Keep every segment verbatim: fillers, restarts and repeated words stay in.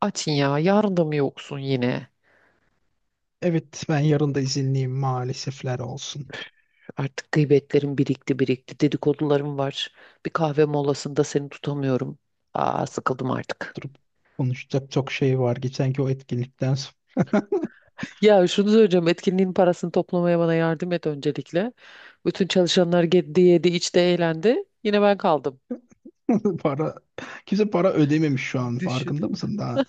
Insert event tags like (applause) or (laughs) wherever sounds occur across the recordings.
Atin, ya yarın da mı yoksun yine? Evet, ben yarın da izinliyim maalesefler olsun. Artık gıybetlerim birikti birikti dedikodularım var. Bir kahve molasında seni tutamıyorum. Aa sıkıldım artık. Durup konuşacak çok şey var. Geçenki o etkinlikten sonra Ya şunu söyleyeceğim, etkinliğin parasını toplamaya bana yardım et öncelikle. Bütün çalışanlar yedi yedi içti eğlendi. Yine ben kaldım. (laughs) para kimse para ödememiş şu an. Düşün. Farkında mısın daha?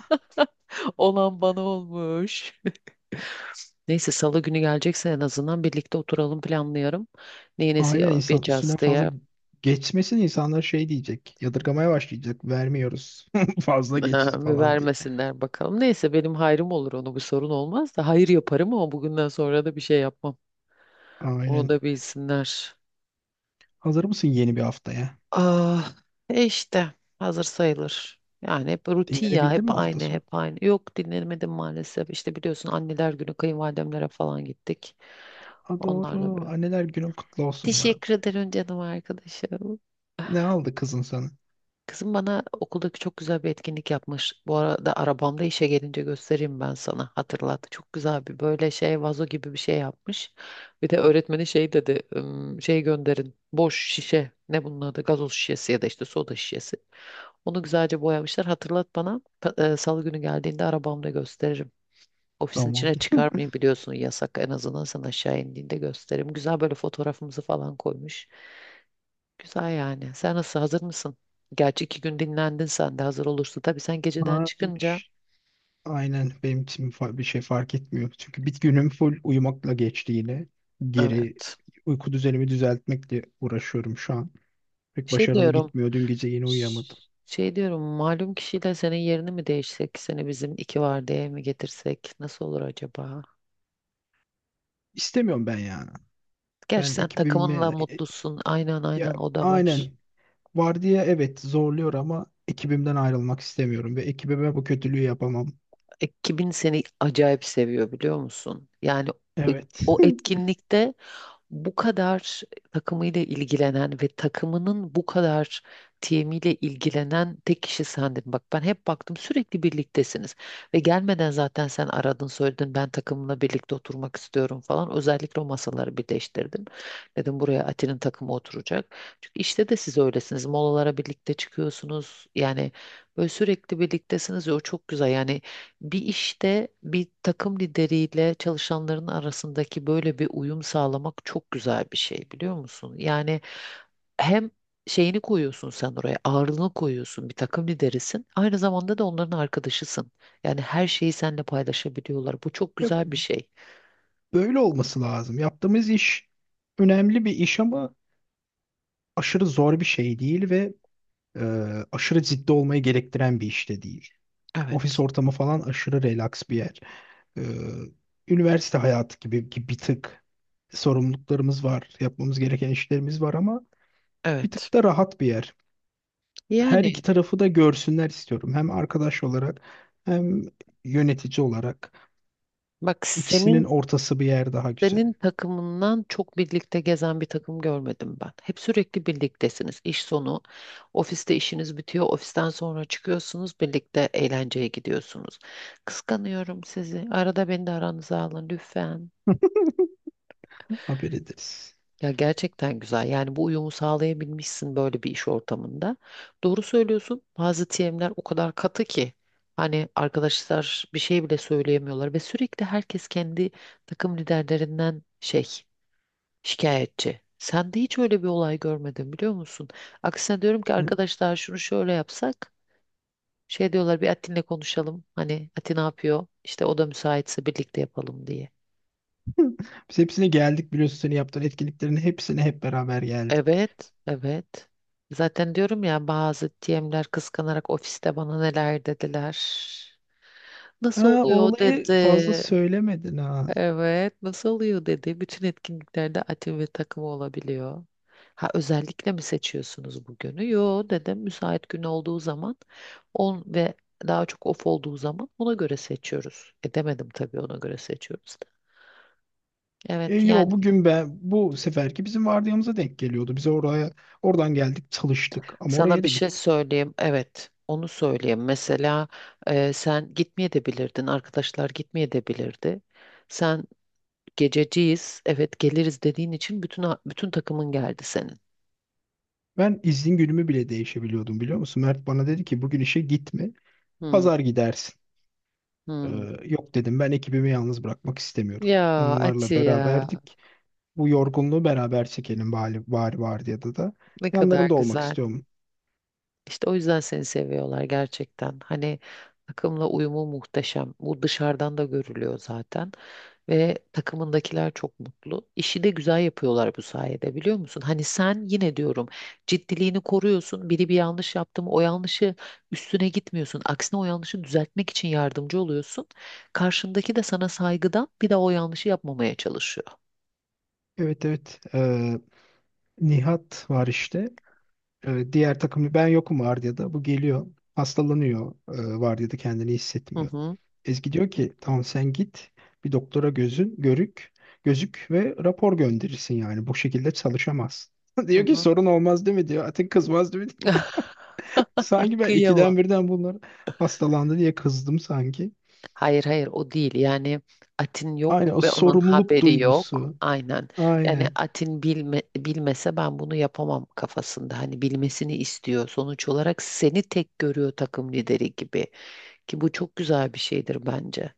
(laughs) Olan bana olmuş. Neyse, salı günü gelecekse en azından birlikte oturalım, planlayalım. Neyi nesi Aynen, insan yapacağız üstüne fazla diye. geçmesin, insanlar şey diyecek. Yadırgamaya başlayacak. Vermiyoruz. (laughs) Fazla geçti Ha, bir falan diye. vermesinler bakalım. Neyse, benim hayrım olur, onu bir sorun olmaz da hayır yaparım ama bugünden sonra da bir şey yapmam. Onu Aynen. da bilsinler. Hazır mısın yeni bir haftaya? Ah, e işte hazır sayılır. Yani hep rutin ya, hep Dinlenebildin mi hafta aynı sonu? hep aynı. Yok, dinlemedim maalesef. İşte biliyorsun, anneler günü kayınvalidemlere falan gittik. Ha, Onlarla doğru. bir. Anneler günün kutlu olsun bu arada. Teşekkür ederim canım arkadaşım. Ne aldı kızın sana? Kızım bana okuldaki çok güzel bir etkinlik yapmış. Bu arada arabamda, işe gelince göstereyim ben sana. Hatırlat. Çok güzel bir, böyle şey, vazo gibi bir şey yapmış. Bir de öğretmeni şey dedi. "Im, Şey gönderin. Boş şişe. Ne bunun adı? Gazoz şişesi ya da işte soda şişesi. Onu güzelce boyamışlar. Hatırlat bana. Pa- e, Salı günü geldiğinde arabamda gösteririm. Ofisin Tamam. içine (laughs) çıkarmayın, biliyorsun yasak. En azından sen aşağı indiğinde gösteririm. Güzel, böyle fotoğrafımızı falan koymuş. Güzel yani. Sen nasıl, hazır mısın? Gerçi iki gün dinlendin, sen de hazır olursun. Tabii sen geceden Ha, çıkınca, aynen, benim için fa- bir şey fark etmiyor. Çünkü bir günüm full uyumakla geçti yine. Geri evet. uyku düzenimi düzeltmekle uğraşıyorum şu an. Pek Şey başarılı diyorum. gitmiyor. Dün gece yine uyuyamadım. ş- Şey diyorum, malum kişiyle senin yerini mi değişsek? Seni bizim iki vardiyaya mi getirsek? Nasıl olur acaba? İstemiyorum ben ya. Gerçi Ben sen takımınla ekibimle e- e, mutlusun. Aynen ya aynen o da var. aynen, vardiya, evet, zorluyor ama ekibimden ayrılmak istemiyorum ve ekibime bu kötülüğü yapamam. Ekibin seni acayip seviyor, biliyor musun? Yani o Evet. o etkinlikte bu kadar takımıyla ilgilenen ve takımının bu kadar timiyle ilgilenen tek kişi sendin. Bak, ben hep baktım, sürekli birliktesiniz ve gelmeden zaten sen aradın, söyledin, ben takımla birlikte oturmak istiyorum falan. Özellikle o masaları birleştirdim. Dedim buraya Ati'nin takımı oturacak. Çünkü işte de siz öylesiniz. Molalara birlikte çıkıyorsunuz. Yani böyle sürekli birliktesiniz ya, o çok güzel. Yani bir işte, bir takım lideriyle çalışanların arasındaki böyle bir uyum sağlamak çok güzel bir şey, biliyor musun? Yani hem şeyini koyuyorsun sen oraya, ağırlığını koyuyorsun, bir takım liderisin. Aynı zamanda da onların arkadaşısın. Yani her şeyi seninle paylaşabiliyorlar. Bu çok Ya, güzel bir şey. böyle olması lazım. Yaptığımız iş önemli bir iş ama aşırı zor bir şey değil ve e, aşırı ciddi olmayı gerektiren bir iş de değil. Ofis Evet, ortamı falan aşırı relax bir yer. E, üniversite hayatı gibi, gibi bir tık sorumluluklarımız var, yapmamız gereken işlerimiz var ama bir evet. tık da rahat bir yer. Her Yani iki tarafı da görsünler istiyorum. Hem arkadaş olarak hem yönetici olarak. bak senin, İkisinin ortası bir yer daha güzel. senin takımından çok birlikte gezen bir takım görmedim ben. Hep sürekli birliktesiniz. İş sonu, ofiste işiniz bitiyor, ofisten sonra çıkıyorsunuz, birlikte eğlenceye gidiyorsunuz. Kıskanıyorum sizi. Arada beni de aranıza alın lütfen. Haber ederiz. Ya gerçekten güzel. Yani bu uyumu sağlayabilmişsin böyle bir iş ortamında. Doğru söylüyorsun. Bazı T M'ler o kadar katı ki hani arkadaşlar bir şey bile söyleyemiyorlar ve sürekli herkes kendi takım liderlerinden şey, şikayetçi. Sen de hiç öyle bir olay görmedim, biliyor musun? Aksine diyorum ki Sen- arkadaşlar, şunu şöyle yapsak. Şey diyorlar, bir Atin'le konuşalım. Hani Atin ne yapıyor? İşte o da müsaitse birlikte yapalım diye. Biz hepsine geldik, biliyorsun, senin yaptığın etkinliklerin hepsine hep beraber geldik. Evet, evet. Zaten diyorum ya, bazı T M'ler kıskanarak ofiste bana neler dediler. Nasıl Ha, o oluyor olayı fazla dedi. söylemedin ha. Evet, nasıl oluyor dedi. Bütün etkinliklerde atim ve takımı olabiliyor. Ha, özellikle mi seçiyorsunuz bu günü? Yo, dedim, müsait gün olduğu zaman on ve daha çok off olduğu zaman ona göre seçiyoruz. E, demedim tabii ona göre seçiyoruz da. Evet E, yani, yo, bugün ben, bu seferki bizim vardiyamıza denk geliyordu. Biz oraya oradan geldik, çalıştık ama sana oraya bir da şey gittik. söyleyeyim. Evet, onu söyleyeyim. Mesela e, sen gitmeyebilirdin. Arkadaşlar gitmeyebilirdi. Sen gececiyiz, evet geliriz dediğin için bütün bütün takımın geldi senin. Ben izin günümü bile değişebiliyordum, biliyor musun? Mert bana dedi ki bugün işe gitme, Hmm. pazar gidersin. Ee, Hmm. yok dedim, ben ekibimi yalnız bırakmak istemiyorum. Ya Ati, Onlarla ya beraberdik. Bu yorgunluğu beraber çekelim bari, bari vardiyada da. ne kadar Yanlarında olmak güzel. istiyorum. İşte o yüzden seni seviyorlar gerçekten. Hani takımla uyumu muhteşem. Bu dışarıdan da görülüyor zaten. Ve takımındakiler çok mutlu. İşi de güzel yapıyorlar bu sayede, biliyor musun? Hani sen yine diyorum, ciddiliğini koruyorsun. Biri bir yanlış yaptı mı o yanlışı üstüne gitmiyorsun. Aksine o yanlışı düzeltmek için yardımcı oluyorsun. Karşındaki de sana saygıdan bir daha o yanlışı yapmamaya çalışıyor. Evet, evet, Ee, Nihat var işte. e, diğer takım, ben yokum vardiyada. Bu geliyor. Hastalanıyor, e, vardiyada kendini Hı hissetmiyor. hı. Ezgi diyor ki tamam, sen git, bir doktora gözün görük gözük ve rapor gönderirsin, yani bu şekilde çalışamazsın. (laughs) Hı Diyor ki hı. sorun olmaz değil mi diyor. Atin kızmaz değil mi? (laughs) (laughs) Sanki ben ikiden Kıyamam. birden bunlar hastalandı diye kızdım sanki. Hayır hayır, o değil. Yani Atin yok Aynen, o ve onun sorumluluk haberi yok. duygusu. Aynen. Yani Aynen. Atin bilme, bilmese ben bunu yapamam kafasında. Hani bilmesini istiyor. Sonuç olarak seni tek görüyor, takım lideri gibi. Ki bu çok güzel bir şeydir bence.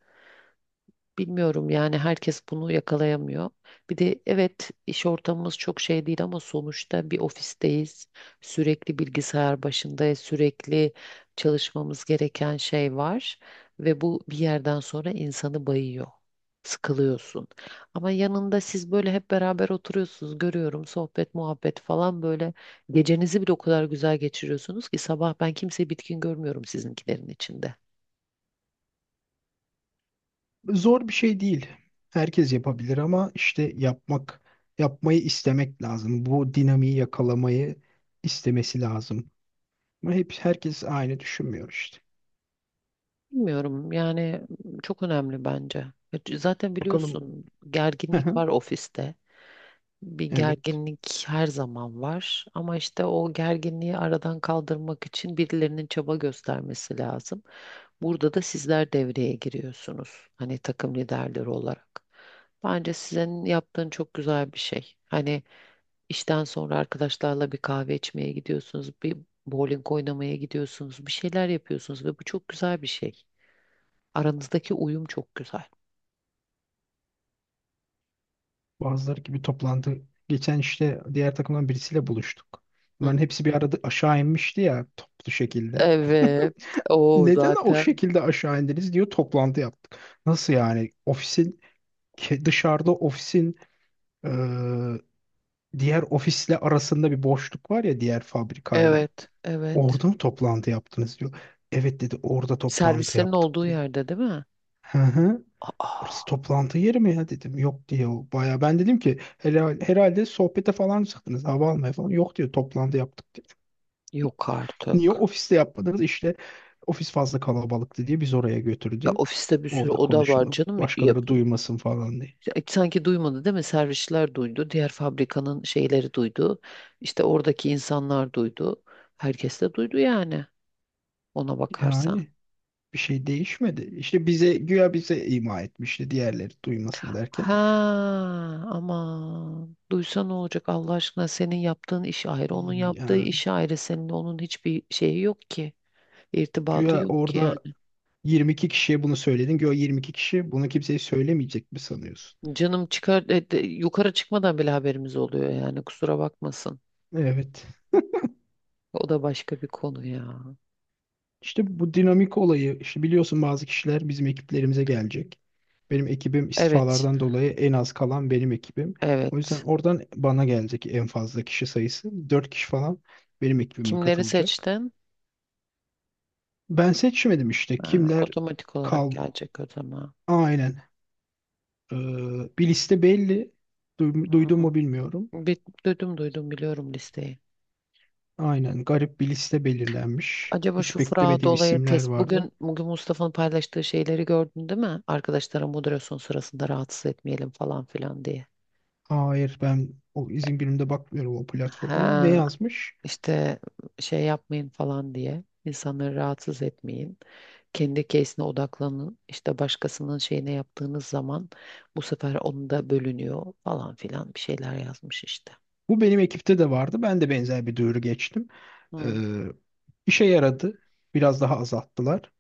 Bilmiyorum yani, herkes bunu yakalayamıyor. Bir de evet, iş ortamımız çok şey değil ama sonuçta bir ofisteyiz. Sürekli bilgisayar başındayız. Sürekli çalışmamız gereken şey var. Ve bu bir yerden sonra insanı bayıyor. Sıkılıyorsun. Ama yanında siz böyle hep beraber oturuyorsunuz. Görüyorum, sohbet muhabbet falan böyle. Gecenizi bile o kadar güzel geçiriyorsunuz ki sabah ben kimseyi bitkin görmüyorum sizinkilerin içinde. Zor bir şey değil. Herkes yapabilir ama işte yapmak, yapmayı istemek lazım. Bu dinamiği yakalamayı istemesi lazım. Ama hep herkes aynı düşünmüyor işte. Bilmiyorum yani, çok önemli bence. Ya zaten Bakalım. biliyorsun, (laughs) Hı gerginlik hı. var ofiste. Bir Evet. gerginlik her zaman var ama işte o gerginliği aradan kaldırmak için birilerinin çaba göstermesi lazım. Burada da sizler devreye giriyorsunuz. Hani takım liderleri olarak. Bence sizin yaptığın çok güzel bir şey. Hani işten sonra arkadaşlarla bir kahve içmeye gidiyorsunuz, bir bowling oynamaya gidiyorsunuz, bir şeyler yapıyorsunuz ve bu çok güzel bir şey. Aranızdaki uyum çok güzel. Bazıları gibi toplandı. Geçen işte diğer takımdan birisiyle buluştuk. Bunların Hı. hepsi bir arada aşağı inmişti ya, toplu şekilde. Evet. O Neden o zaten. şekilde aşağı indiniz diyor, toplantı yaptık. Nasıl yani? Ofisin ke- dışarıda, ofisin diğer ofisle arasında bir boşluk var ya, diğer fabrikayla. Evet. Evet. Orada mı toplantı yaptınız diyor. Evet, dedi, orada toplantı Servislerin yaptık olduğu diyor. yerde değil mi? Hı hı. Orası Aa, toplantı yeri mi ya, dedim. Yok diyor, o baya. Ben dedim ki herhalde, herhalde sohbete falan çıktınız, hava almaya falan. Yok diyor, toplantı yaptık diyor. yok Niye artık. ofiste yapmadınız? İşte ofis fazla kalabalıktı diye biz oraya Ya götürdü. ofiste bir sürü Orada oda var konuşalım, canım, başkaları yapılır. duymasın falan diye. Ya sanki duymadı değil mi? Servisçiler duydu. Diğer fabrikanın şeyleri duydu. İşte oradaki insanlar duydu. Herkes de duydu yani. Ona bakarsan. Yani bir şey değişmedi. İşte bize güya, bize ima etmişti diğerleri duymasın derken. Ha ama, duysa ne olacak Allah aşkına? Senin yaptığın iş ayrı, onun yaptığı Yani iş ayrı, seninle onun hiçbir şeyi yok ki, irtibatı güya yok ki yani. orada yirmi iki kişiye bunu söyledin. Güya yirmi iki kişi bunu kimseye söylemeyecek mi sanıyorsun? Canım çıkar, e, de- yukarı çıkmadan bile haberimiz oluyor yani, kusura bakmasın, Evet. o da başka bir konu ya. İşte bu dinamik olayı, işte biliyorsun, bazı kişiler bizim ekiplerimize gelecek. Benim ekibim Evet, istifalardan dolayı en az kalan benim ekibim. O yüzden evet. oradan bana gelecek en fazla kişi sayısı, dört kişi falan benim ekibime Kimleri katılacak. seçtin? Ben seçmedim işte Ha, kimler otomatik olarak kal. gelecek o zaman. Aynen. Ee, bir liste belli. Duy- Duydun Hmm. mu bilmiyorum. bir duydum duydum, biliyorum listeyi. Aynen, garip bir liste belirlenmiş. Acaba Hiç şu Fırat beklemediğim olayı isimler test. vardı. Bugün bugün Mustafa'nın paylaştığı şeyleri gördün değil mi? Arkadaşlara moderasyon sırasında rahatsız etmeyelim falan filan diye. Hayır, ben o izin günümde bakmıyorum o platformaya. Ne Ha yazmış? işte, şey yapmayın falan diye. İnsanları rahatsız etmeyin. Kendi case'ine odaklanın. İşte başkasının şeyine yaptığınız zaman bu sefer onu da bölünüyor falan filan, bir şeyler yazmış işte. Bu benim ekipte de vardı. Ben de benzer bir duyuru geçtim. Ee, Hmm. işe yaradı. Biraz daha azalttılar.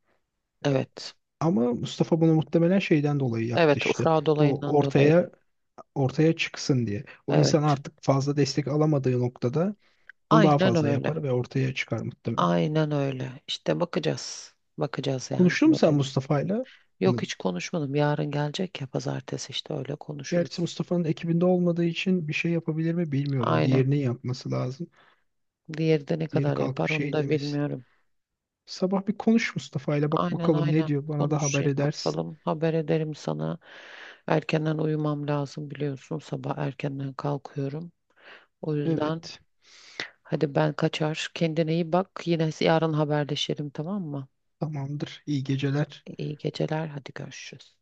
Evet. Ama Mustafa bunu muhtemelen şeyden dolayı yaptı Evet, o işte. Fırat O olayından dolayı. ortaya ortaya çıksın diye. O insan Evet. artık fazla destek alamadığı noktada bunu daha Aynen fazla öyle. yapar ve ortaya çıkar muhtemelen. Aynen öyle. İşte bakacağız. Bakacağız yani, Konuştun mu sen neden. Mustafa'yla? Yok, hiç konuşmadım. Yarın gelecek ya, pazartesi işte öyle Gerçi konuşuruz. Mustafa'nın ekibinde olmadığı için bir şey yapabilir mi bilmiyorum. Aynen. Diğerinin yapması lazım. Diğeri de ne Diğeri kadar kalkıp yapar onu şey da demesin. bilmiyorum. Sabah bir konuş Mustafa ile, bak Aynen bakalım ne aynen diyor. Bana da haber konuşayım edersin. bakalım. Haber ederim sana. Erkenden uyumam lazım, biliyorsun. Sabah erkenden kalkıyorum. O yüzden Evet, hadi ben kaçar. Kendine iyi bak. Yine yarın haberleşelim, tamam mı? tamamdır. İyi geceler. İyi geceler. Hadi görüşürüz.